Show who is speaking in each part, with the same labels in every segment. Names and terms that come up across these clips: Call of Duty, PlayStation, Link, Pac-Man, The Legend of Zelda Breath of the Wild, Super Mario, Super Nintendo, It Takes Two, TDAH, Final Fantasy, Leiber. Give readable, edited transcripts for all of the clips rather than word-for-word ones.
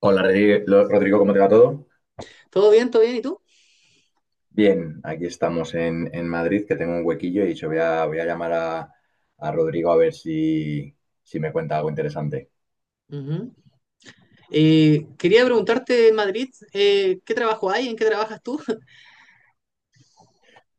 Speaker 1: Hola Rodrigo, ¿cómo te va todo?
Speaker 2: ¿Todo bien? ¿Todo bien? ¿Y tú?
Speaker 1: Bien, aquí estamos en Madrid, que tengo un huequillo y he dicho, voy a llamar a Rodrigo a ver si me cuenta algo interesante.
Speaker 2: Ujú. Quería preguntarte en Madrid, ¿qué trabajo hay? ¿En qué trabajas tú?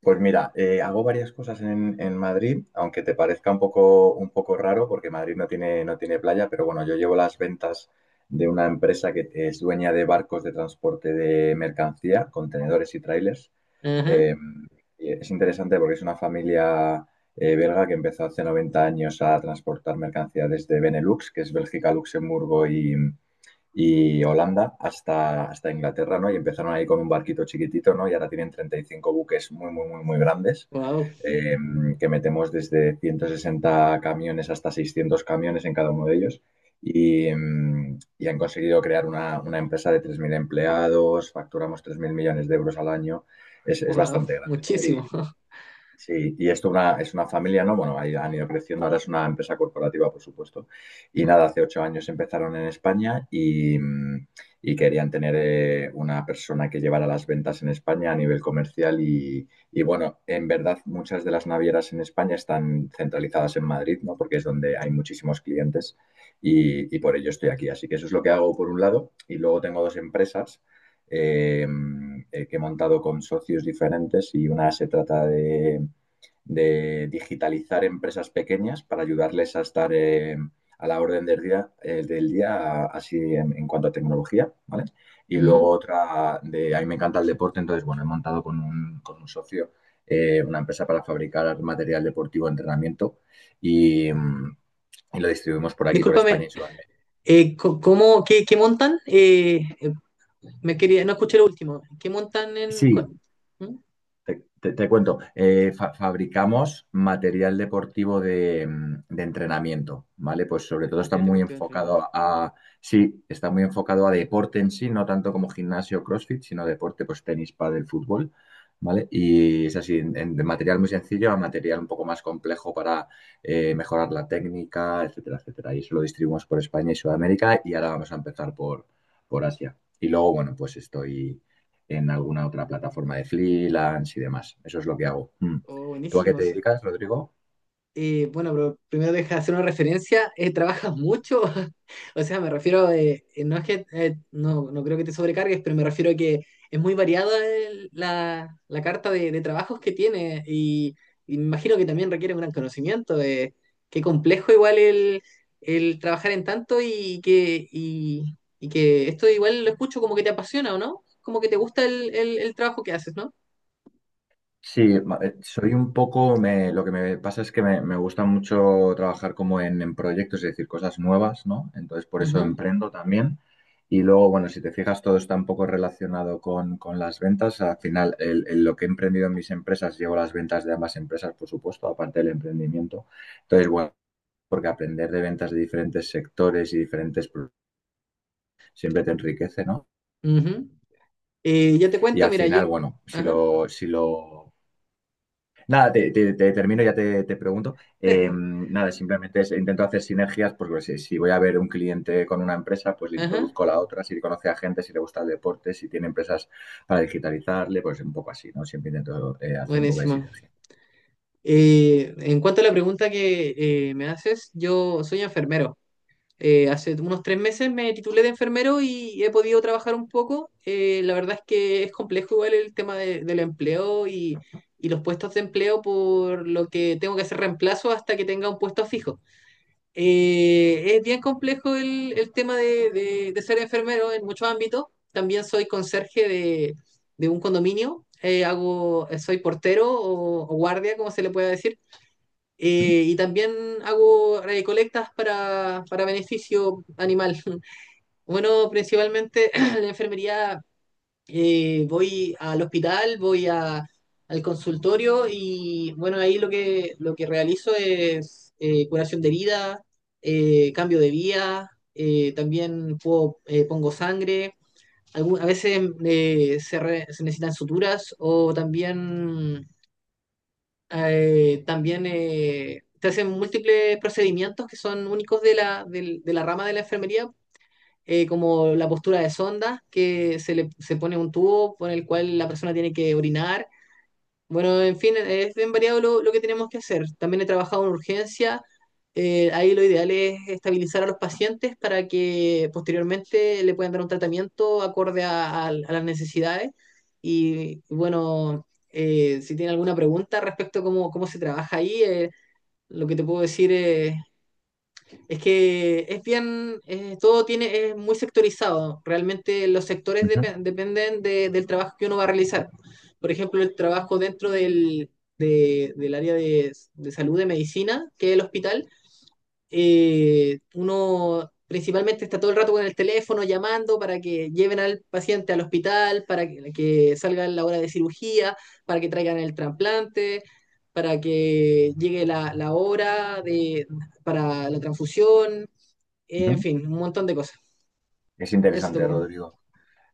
Speaker 1: Pues mira, hago varias cosas en Madrid, aunque te parezca un poco raro, porque Madrid no tiene playa, pero bueno, yo llevo las ventas de una empresa que es dueña de barcos de transporte de mercancía, contenedores y trailers.
Speaker 2: Ajá.
Speaker 1: Eh, es interesante porque es una familia belga que empezó hace 90 años a transportar mercancías desde Benelux, que es Bélgica, Luxemburgo y Holanda hasta Inglaterra, ¿no? Y empezaron ahí con un barquito chiquitito, ¿no? Y ahora tienen 35 buques muy, muy, muy, muy grandes,
Speaker 2: Wow,
Speaker 1: eh, que metemos desde 160 camiones hasta 600 camiones en cada uno de ellos. Y han conseguido crear una empresa de 3.000 empleados, facturamos 3.000 millones de euros al año, es
Speaker 2: wow,
Speaker 1: bastante grande, ¿no?
Speaker 2: muchísimo.
Speaker 1: Sí, y es una familia, ¿no? Bueno, ahí han ido creciendo, ahora es una empresa corporativa, por supuesto. Y nada, hace 8 años empezaron en España y querían tener una persona que llevara las ventas en España a nivel comercial bueno, en verdad muchas de las navieras en España están centralizadas en Madrid, ¿no? Porque es donde hay muchísimos clientes y por ello estoy aquí. Así que eso es lo que hago por un lado y luego tengo dos empresas eh, que he montado con socios diferentes y una se trata de digitalizar empresas pequeñas para ayudarles a estar a la orden del día, del día así en cuanto a tecnología, ¿vale? Y luego
Speaker 2: Ujú.
Speaker 1: otra de, a mí me encanta el deporte, entonces, bueno, he montado con con un socio una empresa para fabricar material deportivo de entrenamiento y, mm, y lo distribuimos por aquí, por España
Speaker 2: Discúlpame,
Speaker 1: y Sudamérica.
Speaker 2: ¿cómo, qué montan? Me quería, no escuché lo último. ¿Qué montan en
Speaker 1: Sí,
Speaker 2: cu-? ¿Mm?
Speaker 1: Te cuento, fabricamos material deportivo de entrenamiento, ¿vale? Pues sobre todo está
Speaker 2: ¿Material
Speaker 1: muy
Speaker 2: deportivo de entrenamiento?
Speaker 1: enfocado a, sí, está muy enfocado a deporte en sí, no tanto como gimnasio o CrossFit, sino deporte, pues tenis, pádel, fútbol, ¿vale? Y es así, de material muy sencillo a material un poco más complejo para mejorar la técnica, etcétera, etcétera. Y eso lo distribuimos por España y Sudamérica y ahora vamos a empezar por Asia. Y luego, bueno, pues estoy en alguna otra plataforma de freelance y demás. Eso es lo que hago. Mm.
Speaker 2: Oh,
Speaker 1: ¿Tú a qué te
Speaker 2: buenísimos.
Speaker 1: dedicas, Rodrigo?
Speaker 2: Bueno, pero primero deja hacer una referencia. ¿Trabajas mucho? O sea, me refiero, no es que, no, no creo que te sobrecargues, pero me refiero a que es muy variada la carta de trabajos que tiene y me imagino que también requiere un gran conocimiento. Qué complejo igual el trabajar en tanto y que esto igual lo escucho como que te apasiona, ¿o no? Como que te gusta el trabajo que haces, ¿no?
Speaker 1: Sí, soy un poco, lo que me pasa es que me gusta mucho trabajar como en proyectos, es decir, cosas nuevas, ¿no? Entonces por eso
Speaker 2: Ujú,
Speaker 1: emprendo también. Y luego, bueno, si te fijas, todo está un poco relacionado con las ventas. Al final, lo que he emprendido en mis empresas, llevo las ventas de ambas empresas, por supuesto, aparte del emprendimiento. Entonces, bueno, porque aprender de ventas de diferentes sectores y diferentes, siempre te enriquece, ¿no?
Speaker 2: ujú. Yo te
Speaker 1: Y
Speaker 2: cuento,
Speaker 1: al
Speaker 2: mira,
Speaker 1: final,
Speaker 2: yo.
Speaker 1: bueno,
Speaker 2: Ajá.
Speaker 1: si lo... Nada, te termino, ya te pregunto. Nada, simplemente intento hacer sinergias porque si, si voy a ver un cliente con una empresa, pues le
Speaker 2: Ajá,
Speaker 1: introduzco a la otra, si conoce a gente, si le gusta el deporte, si tiene empresas para digitalizarle, pues un poco así, ¿no? Siempre intento hacer un poco de
Speaker 2: buenísimo.
Speaker 1: sinergia.
Speaker 2: En cuanto a la pregunta que me haces, yo soy enfermero. Hace unos 3 meses me titulé de enfermero y he podido trabajar un poco. La verdad es que es complejo igual el tema del empleo y los puestos de empleo, por lo que tengo que hacer reemplazo hasta que tenga un puesto fijo. Es bien complejo el tema de ser enfermero en muchos ámbitos. También soy conserje de un condominio. Hago, soy portero o guardia, como se le pueda decir.
Speaker 1: Ujú,
Speaker 2: Y también hago recolectas para beneficio animal. Bueno, principalmente la enfermería, voy al hospital, al consultorio y bueno, ahí lo que realizo es curación de herida, cambio de vía, también pongo sangre, a veces se necesitan suturas o también, te hacen múltiples procedimientos que son únicos de la rama de la enfermería, como la postura de sonda, que se le se pone un tubo por el cual la persona tiene que orinar. Bueno, en fin, es bien variado lo que tenemos que hacer. También he trabajado en urgencia. Ahí lo ideal es estabilizar a los pacientes para que posteriormente le puedan dar un tratamiento acorde a las necesidades. Y bueno, si tiene alguna pregunta respecto a cómo se trabaja ahí, lo que te puedo decir es que es bien, todo tiene, es muy sectorizado. Realmente los sectores
Speaker 1: ujú,
Speaker 2: dependen del trabajo que uno va a realizar. Por ejemplo, el trabajo dentro del área de salud, de medicina, que es el hospital. Uno principalmente está todo el rato con el teléfono llamando para que lleven al paciente al hospital, para que salga la hora de cirugía, para que traigan el trasplante, para que llegue la hora de, para la transfusión, en
Speaker 1: ujú.
Speaker 2: fin, un montón de cosas.
Speaker 1: Es
Speaker 2: Eso te
Speaker 1: interesante,
Speaker 2: pongo.
Speaker 1: Rodrigo.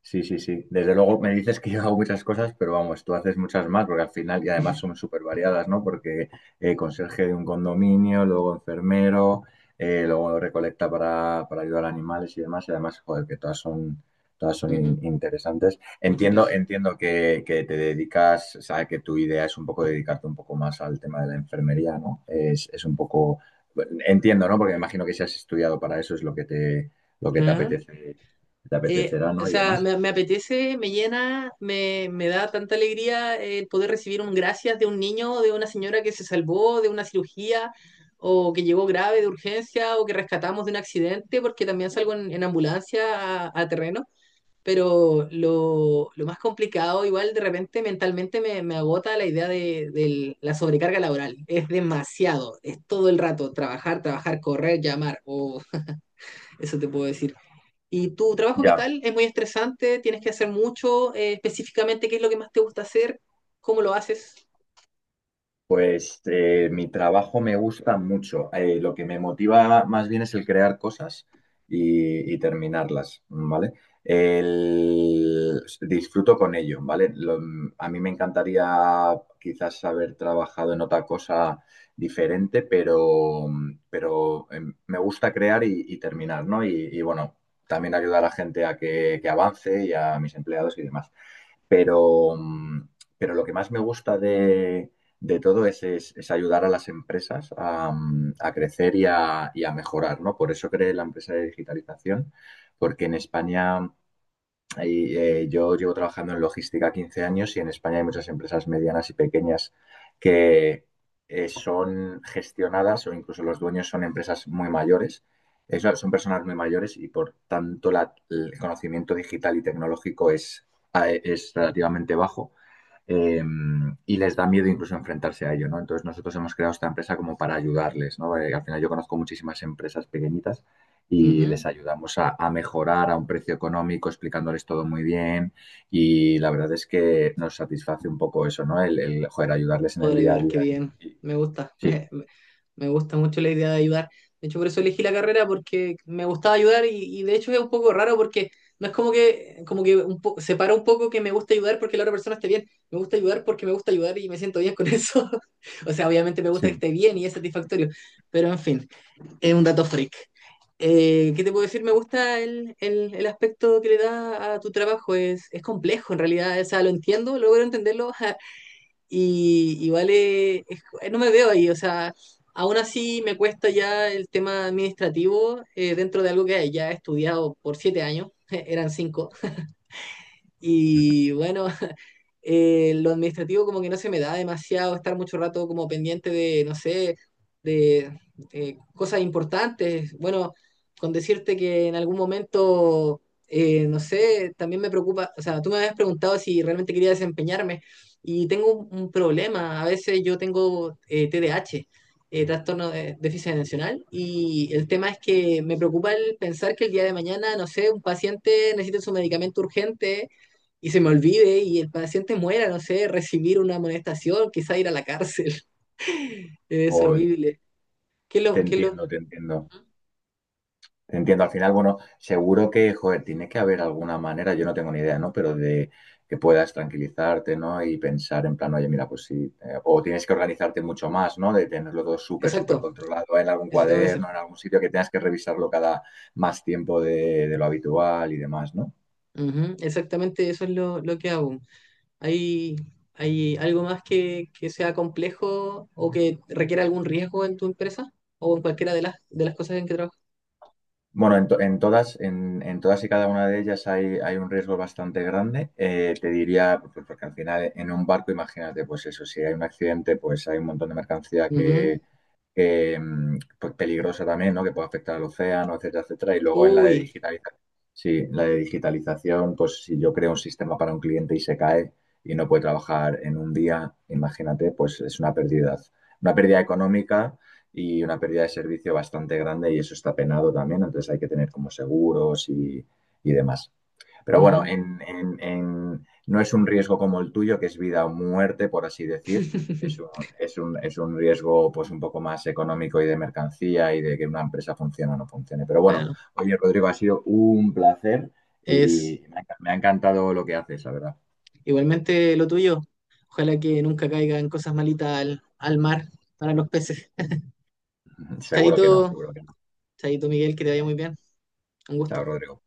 Speaker 1: Sí, sí, sí. Desde luego me dices que yo hago muchas cosas, pero vamos, tú haces muchas más, porque al final, y además son súper variadas, ¿no? Porque conserje de un condominio, luego enfermero, luego recolecta para ayudar a animales y demás, y además, joder, que todas son
Speaker 2: Ujú.
Speaker 1: interesantes.
Speaker 2: Muchas
Speaker 1: Entiendo,
Speaker 2: gracias.
Speaker 1: entiendo que te dedicas, o sea, que tu idea es un poco dedicarte un poco más al tema de la enfermería, ¿no? Es un poco, entiendo, ¿no? Porque me imagino que si has estudiado para eso es lo que te
Speaker 2: Ajá.
Speaker 1: apetece, te apetecerá,
Speaker 2: O
Speaker 1: ¿no? Y
Speaker 2: sea,
Speaker 1: demás.
Speaker 2: me apetece, me llena, me da tanta alegría el poder recibir un gracias de un niño, de una señora que se salvó de una cirugía o que llegó grave de urgencia o que rescatamos de un accidente, porque también salgo en ambulancia a terreno. Pero lo más complicado, igual de repente mentalmente me agota la idea de la sobrecarga laboral. Es demasiado, es todo el rato, trabajar, trabajar, correr, llamar, o eso te puedo decir. ¿Y tu trabajo qué
Speaker 1: Ya,
Speaker 2: tal? ¿Es muy estresante? ¿Tienes que hacer mucho? Específicamente, ¿qué es lo que más te gusta hacer? ¿Cómo lo haces?
Speaker 1: pues mi trabajo me gusta mucho. Lo que me motiva más bien es el crear cosas y terminarlas, ¿vale? Disfruto con ello, ¿vale? A mí me encantaría quizás haber trabajado en otra cosa diferente, pero, pero eh, me gusta crear y terminar, ¿no? Bueno, también ayudar a la gente a que avance y a mis empleados y demás. Pero, mm, pero lo que más me gusta de todo es, es ayudar a las empresas a crecer y a mejorar, ¿no? Por eso creé la empresa de digitalización, porque en España yo llevo trabajando en logística 15 años y en España hay muchas empresas medianas y pequeñas que son gestionadas o incluso los dueños son empresas muy mayores. Son son personas muy mayores y por tanto el conocimiento digital y tecnológico es, es relativamente bajo eh, y les da miedo incluso enfrentarse a ello, ¿no? Entonces nosotros hemos creado esta empresa como para ayudarles, ¿no? Al final yo conozco muchísimas empresas pequeñitas y les
Speaker 2: Ujú.
Speaker 1: ayudamos a mejorar a un precio económico, explicándoles todo muy bien. Y la verdad es que nos satisface un poco eso, ¿no? Joder, ayudarles en el
Speaker 2: Poder
Speaker 1: día a
Speaker 2: ayudar, qué
Speaker 1: día.
Speaker 2: bien.
Speaker 1: y- y-
Speaker 2: Me gusta.
Speaker 1: sí,
Speaker 2: Me gusta mucho la idea de ayudar. De hecho, por eso elegí la carrera, porque me gustaba ayudar y de hecho es un poco raro porque no es como que un separa un poco que me gusta ayudar porque la otra persona esté bien. Me gusta ayudar porque me gusta ayudar y me siento bien con eso. O sea, obviamente me gusta que
Speaker 1: sí.
Speaker 2: esté bien y es satisfactorio. Pero en fin, es un dato freak. ¿Qué te puedo decir? Me gusta el aspecto que le da a tu trabajo. Es complejo en realidad. O sea, lo entiendo, logro entenderlo. Y igual no me veo ahí, o sea, aún así me cuesta ya el tema administrativo, dentro de algo que ya he estudiado por 7 años, eran cinco, y bueno, lo administrativo como que no se me da demasiado estar mucho rato como pendiente de, no sé, de cosas importantes. Bueno, con decirte que en algún momento, no sé, también me preocupa, o sea, tú me habías preguntado si realmente quería desempeñarme y tengo un problema. A veces yo tengo TDAH, trastorno de déficit atencional, y el tema es que me preocupa el pensar que el día de mañana, no sé, un paciente necesita su medicamento urgente y se me olvide y el paciente muera, no sé, recibir una amonestación, quizá ir a la cárcel. Es
Speaker 1: Uy,
Speaker 2: horrible. ¿Qué
Speaker 1: te
Speaker 2: lo, qué lo?
Speaker 1: entiendo, te entiendo. Entiendo, al final, bueno, seguro que, joder, tiene que haber alguna manera, yo no tengo ni idea, ¿no? Pero de que puedas tranquilizarte, ¿no? Y pensar en plan, oye, mira, pues sí, o tienes que organizarte mucho más, ¿no? De tenerlo todo súper, súper
Speaker 2: Exacto,
Speaker 1: controlado en algún
Speaker 2: eso tengo que hacer.
Speaker 1: cuaderno, en algún sitio que tengas que revisarlo cada más tiempo de lo habitual y demás, ¿no?
Speaker 2: Ujú, exactamente eso es lo que hago. ¿Hay, hay algo más que sea complejo o que requiera algún riesgo en tu empresa o en cualquiera de las cosas en que trabajas?
Speaker 1: Bueno, en todas, en todas y cada una de ellas hay, hay un riesgo bastante grande. Te diría, pues, porque al final en un barco, imagínate, pues eso, si hay un accidente, pues hay un montón de mercancía
Speaker 2: Ujú.
Speaker 1: que eh, pues peligrosa también, ¿no? Que puede afectar al océano, etcétera, etcétera. Y luego en la de
Speaker 2: Uy,
Speaker 1: digitalización, sí, la de digitalización, pues si yo creo un sistema para un cliente y se cae y no puede trabajar en un día, imagínate, pues es una pérdida económica y una pérdida de servicio bastante grande y eso está penado también, entonces hay que tener como seguros y demás. Pero bueno,
Speaker 2: ujú.
Speaker 1: no es un riesgo como el tuyo, que es vida o muerte, por así decir. Es un, es un riesgo pues un poco más económico y de mercancía y de que una empresa funcione o no funcione. Pero bueno,
Speaker 2: Bueno,
Speaker 1: oye, Rodrigo, ha sido un placer
Speaker 2: es
Speaker 1: y me ha encantado lo que haces, la verdad.
Speaker 2: igualmente lo tuyo. Ojalá que nunca caigan cosas malitas al mar para los peces.
Speaker 1: Seguro que no,
Speaker 2: Chaito,
Speaker 1: seguro que no.
Speaker 2: chaito Miguel, que te vaya muy bien. Un
Speaker 1: Chao,
Speaker 2: gusto.
Speaker 1: Rodrigo.